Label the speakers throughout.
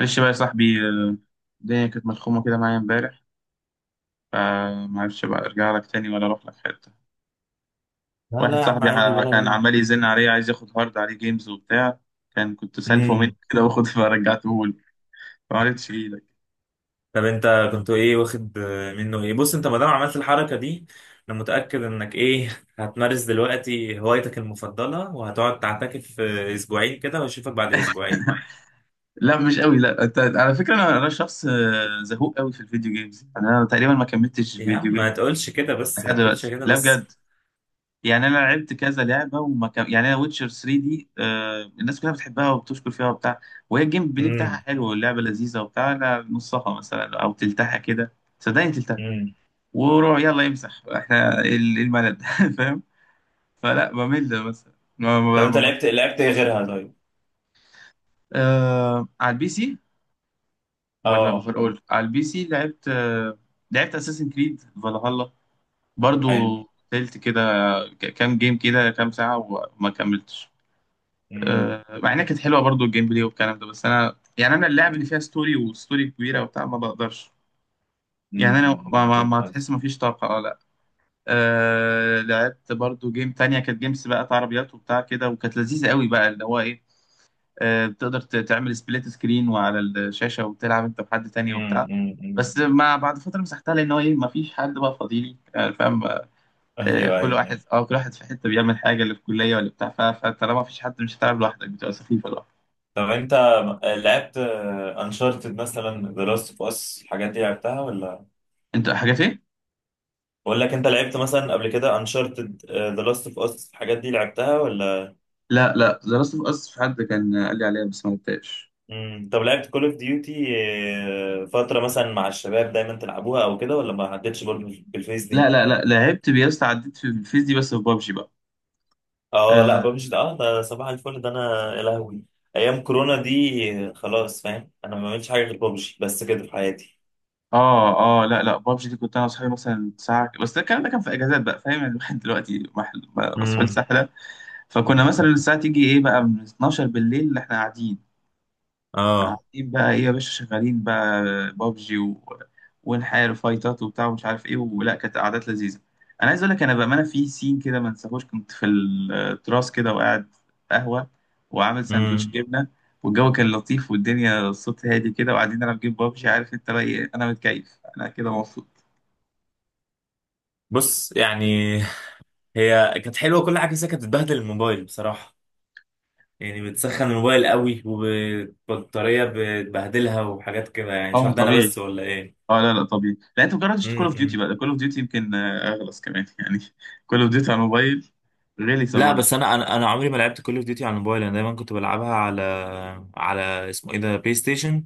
Speaker 1: معلش بقى يا صاحبي، الدنيا كانت ملخومة كده معايا امبارح، فمعرفش بقى ارجع لك تاني ولا اروح لك حتة.
Speaker 2: لا، لا،
Speaker 1: واحد
Speaker 2: يا عم،
Speaker 1: صاحبي
Speaker 2: عادي ولا
Speaker 1: كان
Speaker 2: يهمك.
Speaker 1: عمال يزن عليا، عايز ياخد هارد عليه جيمز وبتاع، كنت سالفه مني
Speaker 2: امم.
Speaker 1: كده واخد فرجعته له. ما عرفتش ايدك.
Speaker 2: طب انت كنت ايه واخد منه ايه؟ بص، انت ما دام عملت الحركه دي، انا متاكد انك ايه هتمارس دلوقتي هوايتك المفضله، وهتقعد تعتكف اسبوعين كده، واشوفك بعد اسبوعين.
Speaker 1: لا مش قوي، لا أنت- على فكرة انا شخص زهوق قوي في الفيديو جيمز. انا تقريبا ما كملتش
Speaker 2: إيه يا عم،
Speaker 1: فيديو
Speaker 2: ما
Speaker 1: جيم
Speaker 2: تقولش كده بس،
Speaker 1: لحد
Speaker 2: ما تقولش
Speaker 1: دلوقتي،
Speaker 2: كده
Speaker 1: لا
Speaker 2: بس.
Speaker 1: بجد. يعني انا لعبت كذا لعبه، وما كان يعني انا ويتشر 3 دي الناس كلها بتحبها وبتشكر فيها وبتاع، وهي الجيم بلاي بتاعها
Speaker 2: امم.
Speaker 1: حلو واللعبه لذيذه وبتاع، انا نصها مثلا او تلتها كده، صدقني تلتها
Speaker 2: امم.
Speaker 1: وروح، يلا يمسح احنا الملل فاهم. فلا بمل مثلا
Speaker 2: طب انت لعبت ايه غيرها طيب؟
Speaker 1: على البي سي، ولا
Speaker 2: اه.
Speaker 1: اوفر اول على البي سي لعبت. لعبت اساسن كريد فالهالا برضو،
Speaker 2: حلو.
Speaker 1: قلت كده كام جيم كده، كام ساعه وما كملتش.
Speaker 2: امم.
Speaker 1: مع انها كانت حلوه برضو، الجيم بلاي والكلام ده، بس انا يعني اللعب اللي فيها ستوري، وستوري كبيره وبتاع ما بقدرش. يعني
Speaker 2: امم.
Speaker 1: انا ما,
Speaker 2: أمم،
Speaker 1: ما,
Speaker 2: فهمت
Speaker 1: ما تحس ما
Speaker 2: قصدك.
Speaker 1: فيش طاقه، لا. لعبت برضو جيم تانية، كانت جيمس بقى بتاع عربيات وبتاع كده، وكانت لذيذه قوي بقى، اللي هو ايه، بتقدر تعمل سبليت سكرين وعلى الشاشه، وتلعب انت بحد تاني
Speaker 2: امم.
Speaker 1: وبتاع.
Speaker 2: امم.
Speaker 1: بس
Speaker 2: أمم.
Speaker 1: ما بعد فتره مسحتها، لان هو ايه، ما فيش حد بقى فاضيلي، فاهم.
Speaker 2: ايوه،
Speaker 1: كل
Speaker 2: ايوه،
Speaker 1: واحد
Speaker 2: ايوه.
Speaker 1: كل واحد في حته بيعمل حاجه، اللي في الكليه ولا بتاع، فطالما ما فيش حد، مش هتلعب لوحدك، بتبقى سخيفه لوحدك.
Speaker 2: طب انت لعبت انشارتد مثلا، ذا لاست اوف اس، الحاجات دي لعبتها ولا؟
Speaker 1: انت حاجات ايه؟
Speaker 2: بقول لك، انت لعبت مثلا قبل كده انشارتد، ذا لاست اوف اس، الحاجات دي لعبتها ولا؟
Speaker 1: لا لا، ذا لاست اوف اس في حد كان قال لي عليها، بس ما لعبتهاش.
Speaker 2: مم. طب لعبت كول اوف ديوتي فترة مثلا مع الشباب، دايما تلعبوها او كده، ولا ما عدتش برضه بالفيس دي؟
Speaker 1: لا لا لا، لعبت بيست عديت في الفيز دي، بس في بابجي بقى.
Speaker 2: اه لا،
Speaker 1: اه
Speaker 2: ببجي ده، اه ده صباح الفل ده، انا يا لهوي! ايام كورونا دي خلاص، فاهم؟ انا ما بعملش حاجة غير ببجي بس كده في حياتي.
Speaker 1: اه. لا لا، بابجي دي كنت انا واصحابي مثلا ساعه، بس ده الكلام ده كان في اجازات بقى، فاهم، يعني الواحد دلوقتي مسحول
Speaker 2: امم.
Speaker 1: سحله. فكنا مثلا الساعه تيجي ايه بقى، من 12 بالليل احنا قاعدين،
Speaker 2: اه.
Speaker 1: قاعدين بقى ايه يا باشا، شغالين بقى بابجي و... ونحارب فايتات وبتاع ومش عارف ايه، ولا كانت قعدات لذيذه. انا عايز اقول لك، انا بامانه في سين كده ما انساهوش، كنت في التراس كده وقاعد قهوه، وعامل سندوتش
Speaker 2: امم.
Speaker 1: جبنه، والجو كان لطيف، والدنيا الصوت هادي كده، وقاعدين نلعب جيم بابجي، عارف انت بقى ايه، انا متكيف، انا كده مبسوط.
Speaker 2: بص يعني، هي كانت حلوه كل حاجه، بس هي كانت بتبهدل الموبايل بصراحه. يعني بتسخن الموبايل قوي، وبطاريه بتبهدلها، وحاجات كده. يعني مش
Speaker 1: اه
Speaker 2: عارف، ده انا
Speaker 1: طبيعي.
Speaker 2: بس ولا ايه؟
Speaker 1: اه لا لا طبيعي، لا انت مجربتش كول اوف ديوتي
Speaker 2: امم.
Speaker 1: بقى، كول اوف ديوتي يمكن اغلص كمان يعني. كول اوف ديوتي على الموبايل غلسه
Speaker 2: لا
Speaker 1: برضه.
Speaker 2: بس، انا عمري ما لعبت كول اوف ديوتي على الموبايل. انا دايما كنت بلعبها على، على اسمه ايه ده، بلاي ستيشن.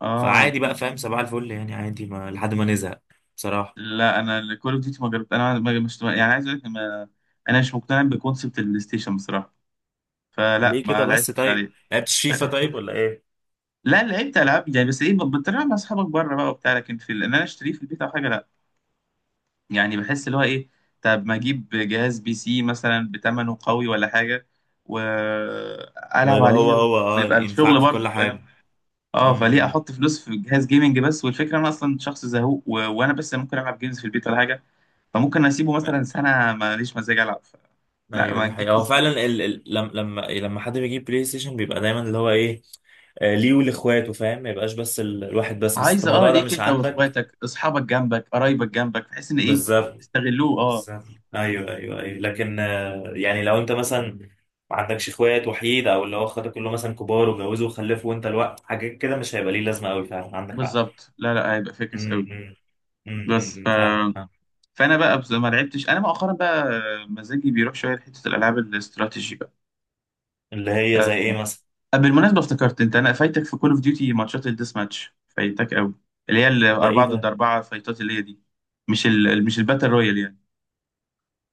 Speaker 1: اه
Speaker 2: فعادي بقى، فاهم؟ صباح الفل يعني، عادي ما لحد ما نزهق بصراحه.
Speaker 1: لا، انا كول اوف ديوتي ما جربت، انا ما مش يعني، عايز اقول لك، ما انا مش مقتنع بكونسبت البلاي ستيشن بصراحه، فلا
Speaker 2: ليه كده
Speaker 1: ما
Speaker 2: بس؟
Speaker 1: لعبتش
Speaker 2: طيب
Speaker 1: عليه.
Speaker 2: لعبت فيفا طيب ولا ايه؟
Speaker 1: لا لعبت العاب يعني، بس ايه، بتلعب مع اصحابك بره بقى وبتاع، لكن في ان انا اشتريه في البيت او حاجه، لا. يعني بحس اللي هو ايه، طب ما اجيب جهاز بي سي مثلا بتمنه قوي ولا حاجه، والعب
Speaker 2: ويبقى هو
Speaker 1: عليه،
Speaker 2: هو،
Speaker 1: ويبقى الشغل
Speaker 2: ينفعك في كل
Speaker 1: برضه، فاهم.
Speaker 2: حاجه.
Speaker 1: اه، فليه
Speaker 2: امم.
Speaker 1: احط فلوس في جهاز جيمنج بس؟ والفكره انا اصلا شخص زهوق، و... وانا بس ممكن العب جيمز في البيت ولا حاجه، فممكن اسيبه مثلا سنه ماليش مزاج العب، لا
Speaker 2: ايوه،
Speaker 1: ما
Speaker 2: دي
Speaker 1: نجيب
Speaker 2: حقيقة.
Speaker 1: بي
Speaker 2: هو
Speaker 1: سي.
Speaker 2: فعلا لما حد بيجيب بلاي ستيشن بيبقى دايما اللي هو ايه ليه ولاخواته، فاهم؟ ما يبقاش بس، الواحد بس
Speaker 1: عايز
Speaker 2: الموضوع ده
Speaker 1: ليك
Speaker 2: مش
Speaker 1: انت،
Speaker 2: عندك.
Speaker 1: واخواتك، اصحابك جنبك، قرايبك جنبك، تحس ان ايه،
Speaker 2: بالظبط.
Speaker 1: استغلوه، اه.
Speaker 2: بالظبط. ايوه، ايوه، ايوه، لكن يعني لو انت مثلا ما عندكش اخوات، وحيد، او اللي هو اخواتك كلهم مثلا كبار وجوزوا وخلفوا، وانت الوقت حاجات كده مش هيبقى ليه لازمة قوي. فعلا عندك حق.
Speaker 1: بالظبط، لا لا، هيبقى فاكس قوي.
Speaker 2: امم.
Speaker 1: بس ف...
Speaker 2: امم. فاهم فاهم.
Speaker 1: فانا بقى بس ما لعبتش انا مؤخرا بقى، مزاجي بيروح شويه لحته الالعاب الاستراتيجي بقى.
Speaker 2: اللي هي زي
Speaker 1: آه،
Speaker 2: ايه مثلا؟
Speaker 1: بالمناسبه افتكرت، انت انا فايتك في كول اوف ديوتي، ماتشات الديس ماتش فايتك قوي، اللي هي
Speaker 2: ده ايه
Speaker 1: الاربعه ضد
Speaker 2: ده؟
Speaker 1: اربعه فايتات اللي هي دي، مش الباتل رويال يعني.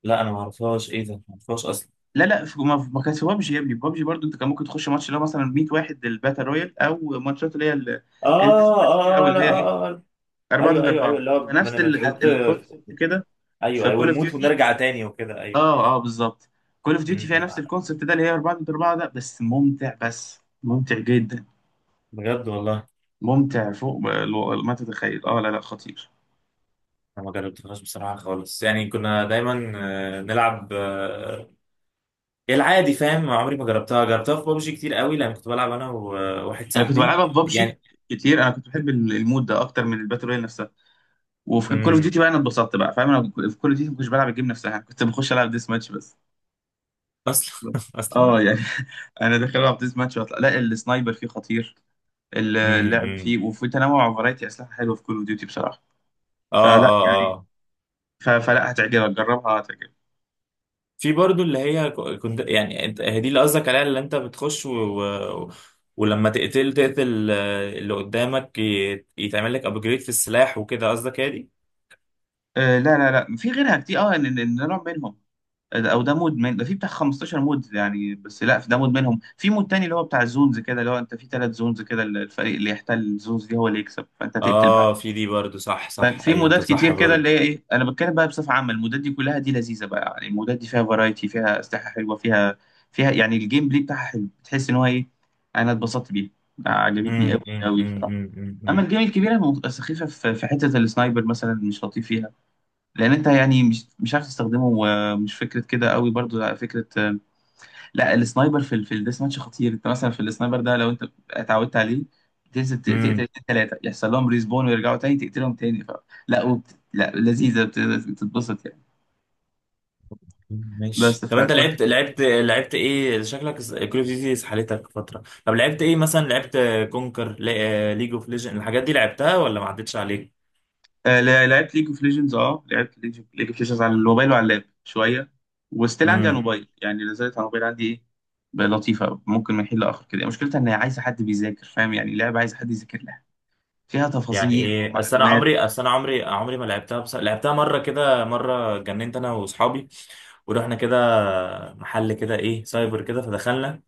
Speaker 2: لا، انا ما اعرفهاش، ايه ده؟ ما اعرفهاش اصلا.
Speaker 1: لا لا، في ما كانش بابجي، يا ابني بابجي برضو انت، كان ممكن تخش ماتش اللي هو مثلا 100 واحد الباتل رويال، او ماتشات اللي هي
Speaker 2: اه،
Speaker 1: الديسباتش دي، او
Speaker 2: اه، لا،
Speaker 1: اللي هي ايه،
Speaker 2: اه.
Speaker 1: 4
Speaker 2: ايوه،
Speaker 1: ضد
Speaker 2: ايوه، ايوه،
Speaker 1: 4،
Speaker 2: اللي هو
Speaker 1: فنفس
Speaker 2: بنتحط.
Speaker 1: الكونسبت كده
Speaker 2: ايوه،
Speaker 1: في
Speaker 2: ايوه،
Speaker 1: كول اوف
Speaker 2: ونموت
Speaker 1: ديوتي.
Speaker 2: ونرجع تاني وكده. ايوه،
Speaker 1: اه
Speaker 2: ايوه.
Speaker 1: اه بالظبط، كول اوف
Speaker 2: م-
Speaker 1: ديوتي فيها نفس
Speaker 2: م.
Speaker 1: الكونسبت ده، اللي هي 4 ضد 4 ده، بس ممتع، بس ممتع جدا،
Speaker 2: بجد والله.
Speaker 1: ممتع فوق ما تتخيل، اه لا لا خطير.
Speaker 2: انا ما جربتهاش بصراحه خالص. يعني كنا دايما نلعب العادي، فاهم؟ عمري ما جربتها، جربتها في بابجي كتير قوي لان كنت بلعب انا وواحد
Speaker 1: انا كنت
Speaker 2: صاحبي
Speaker 1: بلعبها في بابجي
Speaker 2: يعني.
Speaker 1: كتير، انا كنت بحب المود ده اكتر من الباتل رويال نفسها. وفي كول اوف
Speaker 2: امم.
Speaker 1: ديوتي بقى انا اتبسطت بقى، فاهم انا. في كول اوف ديوتي ما كنتش بلعب الجيم نفسها، كنت بخش العب ديس ماتش بس.
Speaker 2: اصلا اصلا.
Speaker 1: اه يعني انا داخل العب ديس ماتش واطلع، لا السنايبر فيه خطير، اللعب
Speaker 2: امم.
Speaker 1: فيه، وفي تنوع وفرايتي اسلحه حلوه في كول اوف ديوتي بصراحه.
Speaker 2: اه،
Speaker 1: فلا
Speaker 2: اه،
Speaker 1: يعني،
Speaker 2: اه.
Speaker 1: فلا هتعجبك، جربها هتعجبك.
Speaker 2: في برضو اللي هي كنت يعني، انت هي دي اللي قصدك عليها، اللي انت بتخش و... ولما تقتل تقتل اللي قدامك يتعمل لك ابجريد في السلاح وكده، قصدك هي دي؟
Speaker 1: آه لا لا لا، في غيرها كتير، إن ده نوع منهم، او ده مود من ده، في بتاع 15 مود يعني، بس لا في ده مود منهم، في مود تاني اللي هو بتاع الزونز كده، اللي هو انت في 3 زونز كده، الفريق اللي يحتل الزونز دي هو اللي يكسب، فانت تقتل.
Speaker 2: اه في دي برضو، صح، صح،
Speaker 1: ففي
Speaker 2: ايوه انت
Speaker 1: مودات كتير
Speaker 2: صح
Speaker 1: كده، اللي
Speaker 2: برضو.
Speaker 1: هي ايه، انا بتكلم بقى بصفه عامه، المودات دي كلها دي لذيذه بقى، يعني المودات دي فيها فرايتي، فيها اسلحه حلوه، فيها يعني الجيم بلاي بتاعها حلو، بتحس ان هو ايه، انا اتبسطت بيها، عجبتني قوي
Speaker 2: امم. امم.
Speaker 1: قوي
Speaker 2: امم.
Speaker 1: بصراحه.
Speaker 2: امم. امم.
Speaker 1: اما
Speaker 2: إمم.
Speaker 1: الجيم الكبيره سخيفه، في حته السنايبر مثلا مش لطيف فيها، لان انت يعني مش عارف تستخدمه، ومش فكره كده قوي، برضو فكره. لا السنايبر في الديس ماتش خطير، انت مثلا في السنايبر ده، لو انت اتعودت عليه، تنزل تقتل
Speaker 2: إمم.
Speaker 1: ثلاثه يحصل لهم ريسبون ويرجعوا تاني، تقتلهم تاني، لا لا لذيذه بتتبسط يعني. بس
Speaker 2: ماشي. طب انت
Speaker 1: فكل.
Speaker 2: لعبت لعبت ايه شكلك؟ كول اوف ديوتي سحلتك فتره. طب لعبت ايه مثلا؟ لعبت كونكر، ليج اوف ليجند، الحاجات دي لعبتها ولا ما عدتش عليك؟
Speaker 1: لعبت ليج اوف ليجندز. اه لعبت ليج اوف ليجندز على الموبايل وعلى اللاب شويه، وستيل عندي على
Speaker 2: إمم.
Speaker 1: الموبايل، يعني نزلت على الموبايل عندي ايه بقى، لطيفه، ممكن من حين لاخر كده. مشكلتها ان هي عايزه حد بيذاكر، فاهم يعني، لعبه عايزه حد يذاكر لها، فيها
Speaker 2: يعني
Speaker 1: تفاصيل
Speaker 2: ايه؟
Speaker 1: ومعلومات.
Speaker 2: اصل انا عمري ما لعبتها، بس لعبتها مره، كده مره جننت انا واصحابي. ورحنا كده محل كده ايه، سايبر كده، فدخلنا.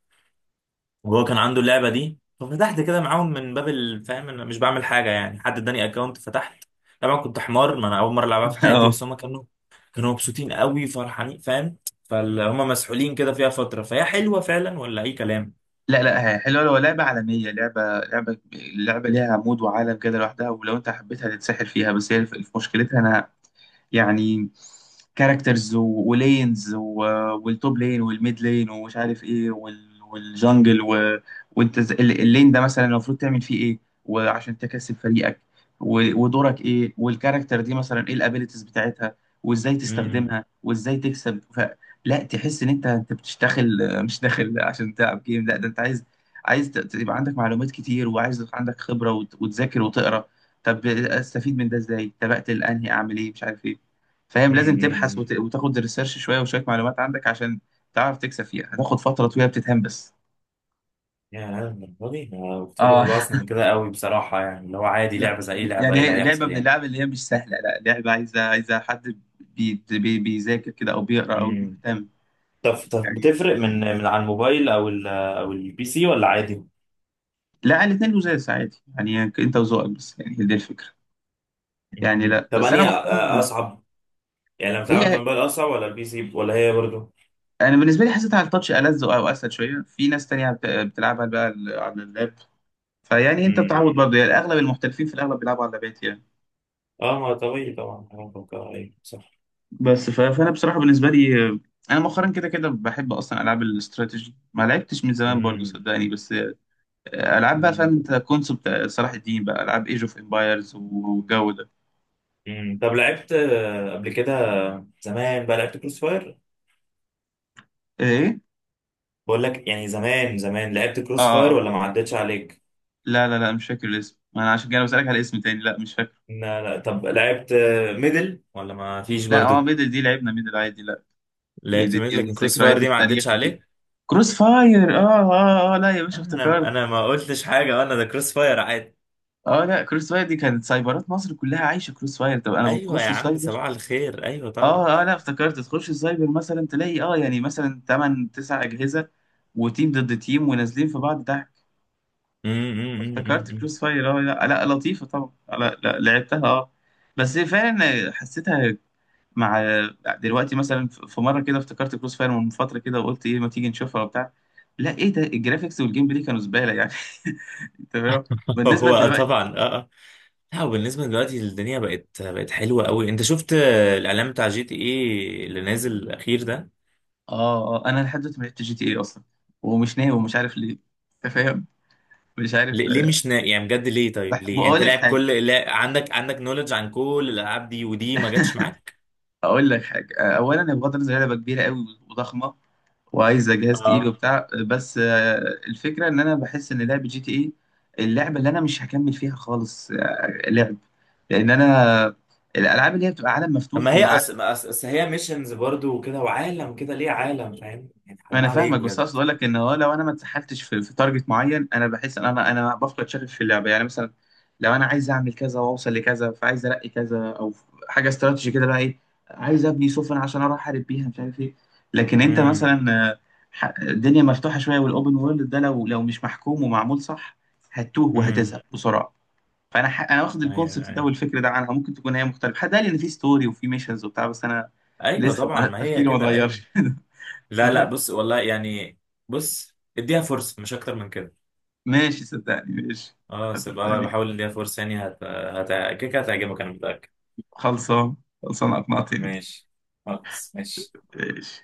Speaker 2: وهو كان عنده اللعبه دي، ففتحت كده معاهم من باب الفهم، انا مش بعمل حاجه يعني، حد اداني اكونت فتحت. طبعا كنت حمار، ما انا اول مره العبها في حياتي،
Speaker 1: اه
Speaker 2: بس هم كانوا مبسوطين قوي، فرحانين، فاهم؟ فهم مسحولين كده فيها فتره، فهي حلوه فعلا ولا اي كلام؟
Speaker 1: لا لا، هي حلوة، لو لعبة عالمية، لعبة ليها عمود وعالم كده لوحدها، ولو انت حبيتها تتسحل فيها، بس هي مشكلتها انا يعني، كاركترز ولينز، والتوب لين والميد لين ومش عارف ايه، والجنجل، وانت اللين ده مثلا المفروض تعمل فيه ايه، وعشان تكسب فريقك، و... ودورك ايه، والكاركتر دي مثلا ايه الابيليتيز بتاعتها، وازاي تستخدمها، وازاي تكسب، لا تحس ان انت بتشتغل، مش داخل عشان تلعب جيم، لا ده انت يبقى عندك معلومات كتير، وعايز يبقى عندك خبرة، وتذاكر وتقرا، طب استفيد من ده ازاي؟ طب اقتل انهي؟ اعمل ايه؟ مش عارف ايه. فاهم، لازم تبحث
Speaker 2: امم.
Speaker 1: وتاخد ريسيرش شويه، وشويه معلومات عندك، عشان تعرف تكسب فيها، هتاخد فتره طويله بتتهان بس،
Speaker 2: يا للدرجة دي؟ أنا كنت فاكر
Speaker 1: اه
Speaker 2: الموضوع أصلا كده قوي بصراحة، يعني اللي هو عادي،
Speaker 1: لا
Speaker 2: لعبة زي أي لعبة،
Speaker 1: يعني
Speaker 2: إيه اللي
Speaker 1: هي لعبه
Speaker 2: هيحصل
Speaker 1: من
Speaker 2: يعني؟
Speaker 1: اللعب اللي هي مش سهله، لا لعبه عايزه، حد بيذاكر كده، او بيقرا او
Speaker 2: امم.
Speaker 1: مهتم
Speaker 2: طب
Speaker 1: يعني.
Speaker 2: بتفرق من على الموبايل، او ال او البي سي، ولا عادي؟
Speaker 1: لا الاثنين لزاز عادي، يعني انت وذوقك بس، يعني هي دي الفكره. يعني
Speaker 2: مم.
Speaker 1: لا
Speaker 2: طب
Speaker 1: بس انا
Speaker 2: أنهي
Speaker 1: مؤخرا،
Speaker 2: أصعب؟ يعني لما تلعب من
Speaker 1: هي
Speaker 2: الموبايل أصعب ولا البي سي، ولا هي برضه؟
Speaker 1: انا بالنسبه لي حسيتها على التاتش ألذ، او اسهل شويه، في ناس تانية بتلعبها بقى على اللاب، فيعني انت
Speaker 2: امم
Speaker 1: بتعود برضه يعني، اغلب المحترفين في الاغلب بيلعبوا على اللابات يعني.
Speaker 2: اه، ما طبيعي طبعا، بفكر ايوه صح.
Speaker 1: بس فانا بصراحه بالنسبه لي، انا مؤخرا كده كده بحب اصلا العاب الاستراتيجي. ما لعبتش من زمان برضو
Speaker 2: مم.
Speaker 1: صدقني، بس العاب بقى، فاهم
Speaker 2: مم.
Speaker 1: انت، كونسبت صلاح الدين بقى، العاب ايج اوف امبايرز والجو ده.
Speaker 2: مم. طب لعبت قبل كده زمان بقى لعبت كروس فاير؟
Speaker 1: ايه؟
Speaker 2: بقول لك يعني، زمان زمان لعبت
Speaker 1: اه.
Speaker 2: كروس فاير ولا ما عدتش عليك؟
Speaker 1: لا لا لا مش فاكر الاسم، ما انا عشان كده بسالك على اسم تاني، لا مش فاكر.
Speaker 2: لا، لا، طب لعبت ميدل ولا ما فيش
Speaker 1: لا
Speaker 2: برضو؟
Speaker 1: ميدل دي لعبنا، ميدل عادي لا. دي,
Speaker 2: لعبت
Speaker 1: دي,
Speaker 2: ميدل،
Speaker 1: دي من
Speaker 2: لكن كروس فاير
Speaker 1: ذكريات
Speaker 2: دي ما عدتش
Speaker 1: التاريخ دي،
Speaker 2: عليك.
Speaker 1: كروس فاير، لا يا باشا
Speaker 2: انا
Speaker 1: افتكرت.
Speaker 2: انا ما قلتش حاجه، وانا ده كروس فاير عادي.
Speaker 1: اه لا كروس فاير دي، كانت سايبرات مصر كلها عايشه كروس فاير، طب انا
Speaker 2: ايوه يا
Speaker 1: بتخش
Speaker 2: عم،
Speaker 1: السايبر.
Speaker 2: صباح الخير، ايوه طبعا.
Speaker 1: اه اه، لا افتكرت، تخش السايبر مثلا تلاقي يعني مثلا 8 9 اجهزه، وتيم ضد تيم ونازلين في بعض ضحك.
Speaker 2: أمم، أمم، أمم،
Speaker 1: افتكرت
Speaker 2: أمم.
Speaker 1: كروس فاير، اه لا لا لطيفه طبعا، لا لا لعبتها اه. بس فعلا حسيتها مع، دلوقتي مثلا في مره كده افتكرت كروس فاير من فتره كده، وقلت ايه ما تيجي نشوفها وبتاع، لا ايه ده، الجرافيكس والجيم بلاي كانوا زباله يعني تمام بالنسبه
Speaker 2: هو
Speaker 1: دلوقتي.
Speaker 2: طبعا، اه، اه. لا، وبالنسبه دلوقتي الدنيا بقت حلوه قوي. انت شفت الاعلان بتاع جي تي ايه اللي نازل الاخير ده؟
Speaker 1: اه اه، انا لحد دلوقتي ما لعبتش جي تي اي اصلا، ومش ناوي، ومش عارف ليه، انت فاهم، مش عارف.
Speaker 2: ليه مش نا... يعني بجد ليه طيب ليه؟ يعني
Speaker 1: بقول
Speaker 2: انت
Speaker 1: لك
Speaker 2: لاعب
Speaker 1: حاجه
Speaker 2: كل لا... عندك نولج عن كل الالعاب دي، ودي ما جاتش معاك.
Speaker 1: اقول لك حاجه، اولا هي بغض النظر لعبه كبيره قوي وضخمه، وعايزه جهاز تقيل
Speaker 2: اه.
Speaker 1: وبتاع، بس الفكره ان انا بحس ان لعبه جي تي اي اللعبه اللي انا مش هكمل فيها خالص، لعب، لان انا الالعاب اللي هي بتبقى عالم
Speaker 2: طب
Speaker 1: مفتوح.
Speaker 2: ما هي أس... ما أس... أس هي ميشنز برضو وكده وعالم كده، ليه؟ عالم فاهم يعني، حرام
Speaker 1: انا فاهمك،
Speaker 2: عليك
Speaker 1: بس
Speaker 2: بجد.
Speaker 1: اقصد اقول لك ان هو، لو انا ما اتسحلتش في تارجت معين، انا بحس ان انا بفقد شغف في اللعبه، يعني مثلا لو انا عايز اعمل كذا واوصل لكذا، فعايز الاقي كذا، او حاجه استراتيجي كده بقى ايه، عايز ابني سفن عشان اروح احارب بيها مش عارف ايه، لكن انت
Speaker 2: امم.
Speaker 1: مثلا آه، الدنيا مفتوحه شويه، والاوبن وورلد ده لو مش محكوم ومعمول صح، هتتوه
Speaker 2: امم.
Speaker 1: وهتزهق بسرعه. فانا انا واخد
Speaker 2: ايوه،
Speaker 1: الكونسبت ده
Speaker 2: ايوه،
Speaker 1: والفكر ده عنها، ممكن تكون هي مختلفه، حد قال لي ان في ستوري وفي ميشنز وبتاع، بس انا
Speaker 2: ايوه
Speaker 1: لسه
Speaker 2: طبعا، ما هي
Speaker 1: تفكيري ما
Speaker 2: كده ايوه.
Speaker 1: اتغيرش
Speaker 2: لا، لا، بص والله يعني. بص اديها فرصة، مش اكتر من كده.
Speaker 1: ماشي صدقني ماشي،
Speaker 2: اه، سيبها،
Speaker 1: صدقني
Speaker 2: بحاول اديها فرصة يعني هت هت كده كده هتعجبك، انا متأكد.
Speaker 1: خلصان، خلصان اقنعتني.
Speaker 2: ماشي. خلاص، ماشي.
Speaker 1: ماشي.